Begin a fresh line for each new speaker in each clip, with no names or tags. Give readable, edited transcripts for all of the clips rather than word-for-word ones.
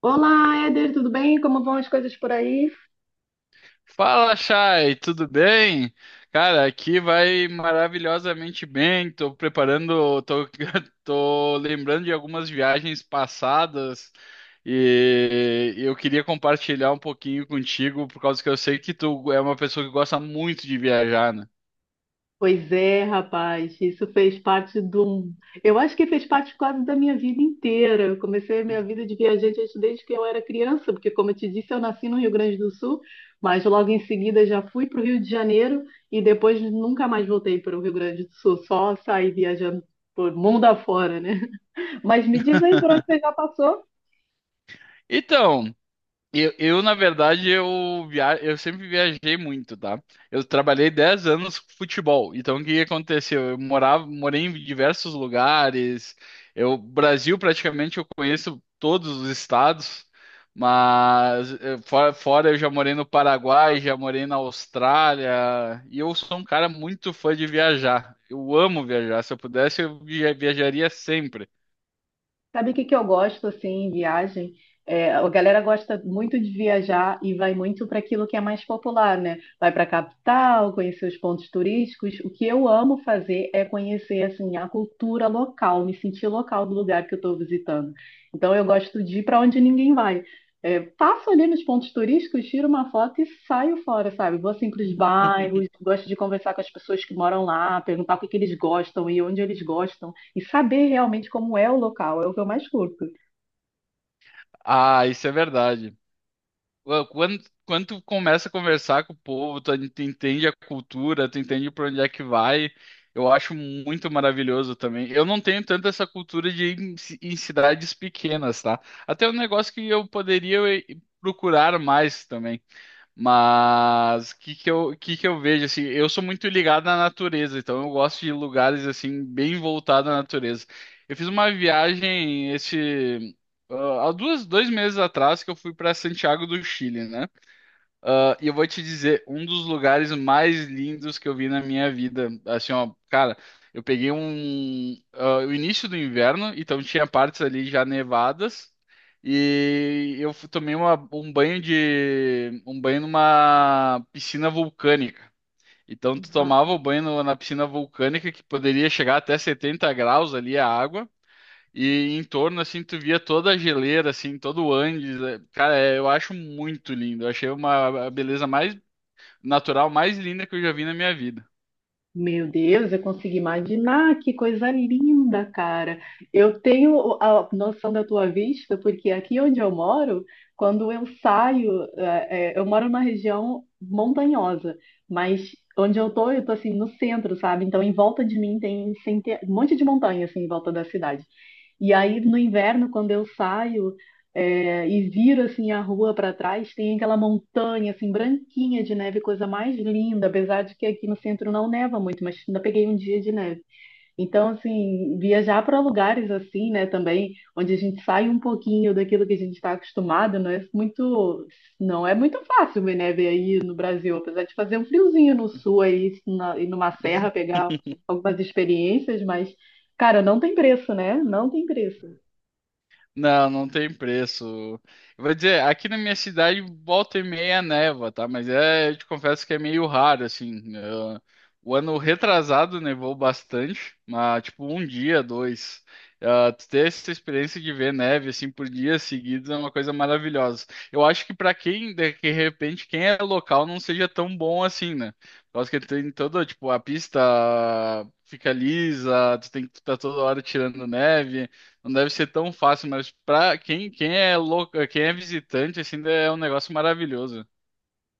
Olá, Éder, tudo bem? Como vão as coisas por aí?
Fala, Chay, tudo bem? Cara, aqui vai maravilhosamente bem. Tô lembrando de algumas viagens passadas e eu queria compartilhar um pouquinho contigo, por causa que eu sei que tu é uma pessoa que gosta muito de viajar, né?
Pois é, rapaz, isso fez parte do. Eu acho que fez parte quase da minha vida inteira. Eu comecei a minha vida de viajante desde que eu era criança, porque, como eu te disse, eu nasci no Rio Grande do Sul, mas logo em seguida já fui para o Rio de Janeiro e depois nunca mais voltei para o Rio Grande do Sul, só saí viajando por mundo afora, né? Mas me diz aí por onde você já passou?
Então, na verdade, eu sempre viajei muito, tá? Eu trabalhei 10 anos com futebol. Então, o que que aconteceu? Morei em diversos lugares. Eu, Brasil, praticamente, eu conheço todos os estados. Mas, fora, eu já morei no Paraguai, já morei na Austrália. E eu sou um cara muito fã de viajar. Eu amo viajar. Se eu pudesse, viajaria sempre.
Sabe o que que eu gosto assim em viagem? É, a galera gosta muito de viajar e vai muito para aquilo que é mais popular, né? Vai para a capital, conhecer os pontos turísticos. O que eu amo fazer é conhecer assim a cultura local, me sentir local do lugar que eu estou visitando. Então eu gosto de ir para onde ninguém vai. É, passo ali nos pontos turísticos, tiro uma foto e saio fora, sabe? Vou assim para os bairros, gosto de conversar com as pessoas que moram lá, perguntar o que que eles gostam e onde eles gostam e saber realmente como é o local, é o que eu mais curto.
Ah, isso é verdade. Quando tu começa a conversar com o povo, tu entende a cultura, tu entende para onde é que vai. Eu acho muito maravilhoso também. Eu não tenho tanto essa cultura de em cidades pequenas, tá? Até um negócio que eu poderia procurar mais também. Mas o que que eu vejo assim, eu sou muito ligado na natureza, então eu gosto de lugares assim bem voltados à natureza. Eu fiz uma viagem há 2 meses atrás que eu fui para Santiago do Chile, né? Ah, e eu vou te dizer, um dos lugares mais lindos que eu vi na minha vida. Assim, ó, cara, eu peguei o início do inverno, então tinha partes ali já nevadas. E tomei um banho numa piscina vulcânica. Então tu
Ah,
tomava o banho na piscina vulcânica que poderia chegar até 70 graus ali a água. E em torno, assim, tu via toda a geleira, assim, todo o Andes. Cara, é, eu acho muito lindo. Eu achei uma a beleza mais natural, mais linda que eu já vi na minha vida.
meu Deus, eu consigo imaginar que coisa linda, cara. Eu tenho a noção da tua vista, porque aqui onde eu moro, quando eu saio, eu moro numa região montanhosa, mas onde eu tô assim no centro, sabe? Então em volta de mim tem um monte de montanha assim em volta da cidade. E aí no inverno, quando eu saio e viro assim a rua para trás, tem aquela montanha assim branquinha de neve, coisa mais linda, apesar de que aqui no centro não neva muito, mas ainda peguei um dia de neve. Então, assim, viajar para lugares assim, né, também, onde a gente sai um pouquinho daquilo que a gente está acostumado, não é muito, não é muito fácil né, ver aí no Brasil, apesar de fazer um friozinho no sul aí, na, e numa serra pegar algumas experiências, mas, cara, não tem preço, né? Não tem preço.
Não, não tem preço. Eu vou dizer, aqui na minha cidade volta e meia neva, tá? Mas é, eu te confesso que é meio raro, assim. O ano retrasado nevou bastante, mas tipo um dia, dois. Ah, tu ter essa experiência de ver neve assim por dias seguidos é uma coisa maravilhosa. Eu acho que pra quem de repente quem é local não seja tão bom assim, né? Por causa que tem toda tipo a pista fica lisa, tu tem que estar toda hora tirando neve. Não deve ser tão fácil, mas pra quem é louco, quem é visitante, assim, é um negócio maravilhoso.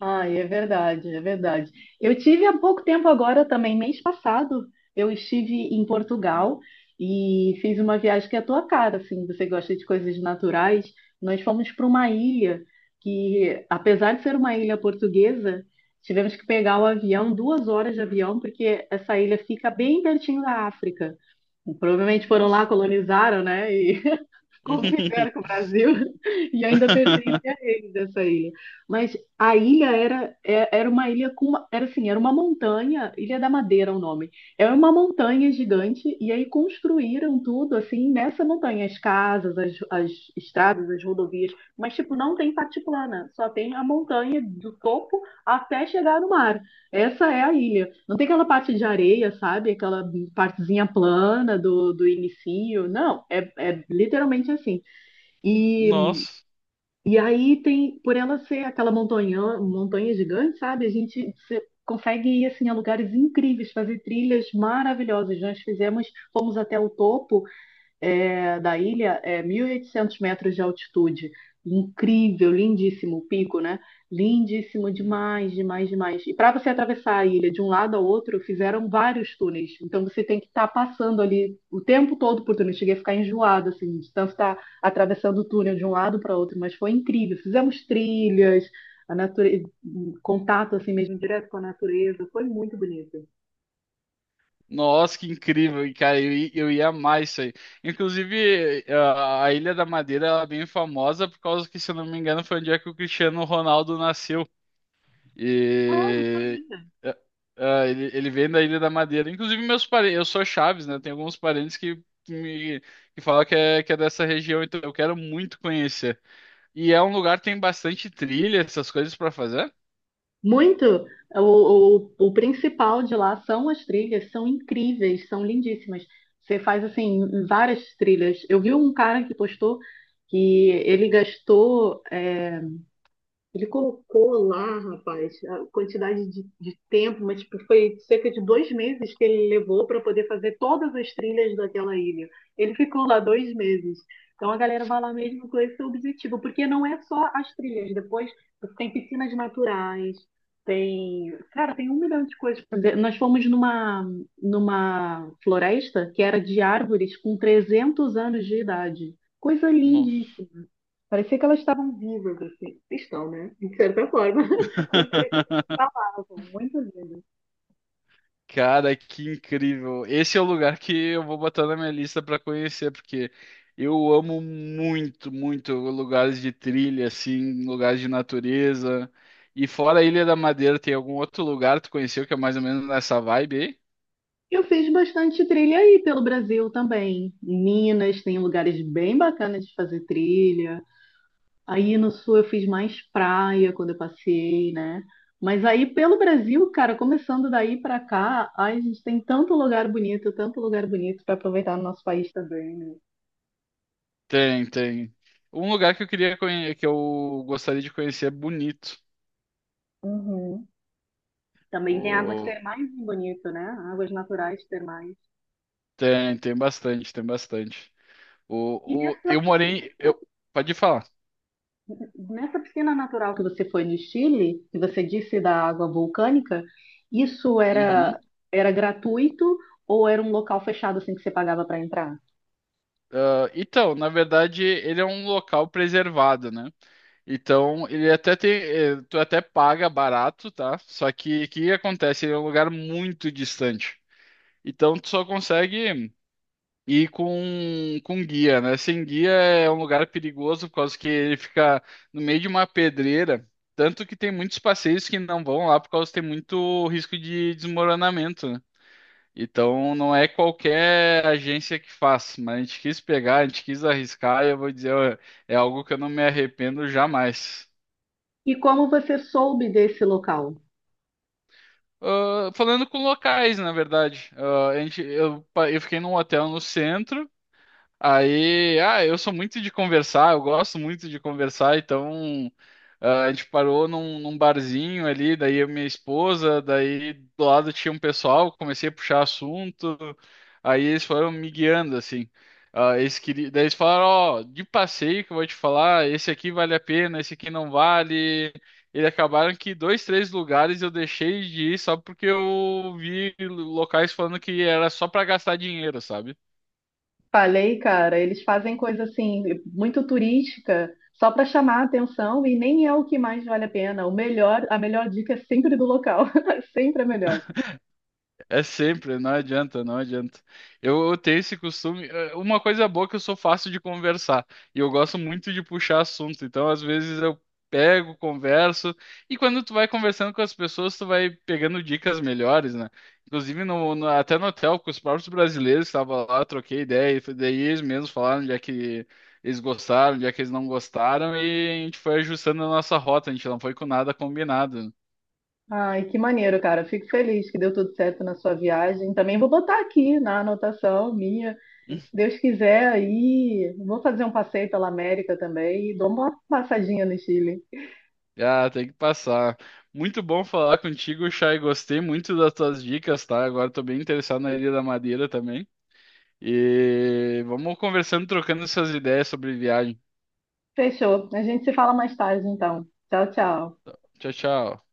Ah, é verdade, é verdade. Eu tive há pouco tempo agora também, mês passado, eu estive em Portugal e fiz uma viagem que é a tua cara, assim, você gosta de coisas naturais. Nós fomos para uma ilha que, apesar de ser uma ilha portuguesa, tivemos que pegar o avião, 2 horas de avião, porque essa ilha fica bem pertinho da África. Provavelmente foram lá,
Nossa.
colonizaram, né? Como fizeram com o Brasil, e ainda pertence a eles essa ilha. Mas a ilha era, era uma ilha com uma, era assim, era uma montanha, Ilha da Madeira é o nome. É uma montanha gigante, e aí construíram tudo assim nessa montanha, as casas, as estradas, as rodovias, mas tipo, não tem parte plana, só tem a montanha do topo até chegar no mar. Essa é a ilha. Não tem aquela parte de areia, sabe? Aquela partezinha plana do inicio. Não, é, é literalmente assim. E,
Nossa.
e aí tem, por ela ser aquela montanha, montanha gigante, sabe? A gente consegue ir assim a lugares incríveis, fazer trilhas maravilhosas. Nós fizemos, fomos até o topo da ilha é 1.800 metros de altitude. Incrível, lindíssimo o pico, né? Lindíssimo
Uhum.
demais, demais, demais. E para você atravessar a ilha de um lado ao outro, fizeram vários túneis. Então você tem que estar passando ali o tempo todo por túnel. Eu cheguei a ficar enjoada, assim, de tanto estar atravessando o túnel de um lado para outro, mas foi incrível. Fizemos trilhas, a natureza, contato assim mesmo direto com a natureza. Foi muito bonito.
Nossa, que incrível, e, cara, eu ia amar isso aí. Inclusive, a Ilha da Madeira ela é bem famosa por causa que, se eu não me engano, foi onde é que o Cristiano Ronaldo nasceu.
Ah, não
E
sabia.
é, é, ele vem da Ilha da Madeira. Inclusive, meus parentes, eu sou Chaves, né? Tem alguns parentes que, me, que falam que é dessa região, então eu quero muito conhecer. E é um lugar que tem bastante trilha, essas coisas para fazer?
Muito. O principal de lá são as trilhas, são incríveis, são lindíssimas. Você faz assim várias trilhas. Eu vi um cara que postou que ele gastou ele colocou lá, rapaz, a quantidade de tempo, mas tipo, foi cerca de 2 meses que ele levou para poder fazer todas as trilhas daquela ilha. Ele ficou lá 2 meses. Então a galera vai lá mesmo com esse objetivo, porque não é só as trilhas. Depois tem piscinas naturais, tem, cara, tem um milhão de coisas pra fazer. Nós fomos numa floresta que era de árvores com 300 anos de idade. Coisa
Nossa.
lindíssima. Parecia que elas estavam vivas, assim. Estão, né? De certa forma. Mas parecia que elas falavam. Muito lindo.
Cara, que incrível. Esse é o lugar que eu vou botar na minha lista para conhecer, porque eu amo muito, muito lugares de trilha, assim, lugares de natureza. E fora a Ilha da Madeira, tem algum outro lugar que tu conheceu que é mais ou menos nessa vibe aí?
Eu fiz bastante trilha aí pelo Brasil também. Em Minas tem lugares bem bacanas de fazer trilha. Aí no sul eu fiz mais praia quando eu passei, né? Mas aí pelo Brasil, cara, começando daí pra cá, ai, a gente tem tanto lugar bonito para aproveitar no nosso país também, né?
Tem, tem. Um lugar que eu queria conhecer, que eu gostaria de conhecer é Bonito.
Uhum. Também tem águas
O...
termais bonito, né? Águas naturais termais.
Tem, tem bastante, tem bastante. Eu morei. Eu... Pode falar.
Nessa piscina natural que você foi no Chile, que você disse da água vulcânica, isso
Uhum.
era gratuito ou era um local fechado assim que você pagava para entrar?
Ah, então, na verdade, ele é um local preservado, né? Então, ele até tem, tu até paga barato, tá? Só que o que acontece? Ele é um lugar muito distante. Então, tu só consegue ir com guia, né? Sem guia é um lugar perigoso por causa que ele fica no meio de uma pedreira. Tanto que tem muitos passeios que não vão lá por causa que tem muito risco de desmoronamento, né? Então não é qualquer agência que faz, mas a gente quis pegar, a gente quis arriscar e eu vou dizer, ó, é algo que eu não me arrependo jamais.
E como você soube desse local?
Ah, falando com locais, na verdade. Ah, a gente, eu, pa- eu fiquei num hotel no centro. Aí, ah, eu sou muito de conversar, eu gosto muito de conversar, então ah, a gente parou num barzinho ali, daí eu e minha esposa, daí do lado tinha um pessoal, comecei a puxar assunto, aí eles foram me guiando, assim. Ah, eles queriam, daí eles falaram, ó, de passeio que eu vou te falar, esse aqui vale a pena, esse aqui não vale. Eles acabaram que dois, três lugares eu deixei de ir só porque eu vi locais falando que era só para gastar dinheiro, sabe?
Falei, cara, eles fazem coisa assim muito turística só para chamar a atenção e nem é o que mais vale a pena. O melhor, a melhor dica é sempre do local, sempre a melhor.
É sempre, não adianta, não adianta. Eu tenho esse costume. Uma coisa boa é que eu sou fácil de conversar e eu gosto muito de puxar assunto. Então, às vezes eu pego, converso e quando tu vai conversando com as pessoas, tu vai pegando dicas melhores, né? Inclusive até no hotel com os próprios brasileiros que estavam lá, eu troquei ideia daí eles mesmos falaram onde é que eles gostaram, onde é que eles não gostaram e a gente foi ajustando a nossa rota. A gente não foi com nada combinado.
Ai, que maneiro, cara. Fico feliz que deu tudo certo na sua viagem. Também vou botar aqui na anotação minha. Se Deus quiser, aí vou fazer um passeio pela América também e dou uma passadinha no Chile.
Ah, tem que passar. Muito bom falar contigo, Chay. Gostei muito das tuas dicas, tá? Agora tô bem interessado na Ilha da Madeira também. E vamos conversando, trocando essas ideias sobre viagem.
Fechou. A gente se fala mais tarde, então. Tchau, tchau.
Tchau, tchau.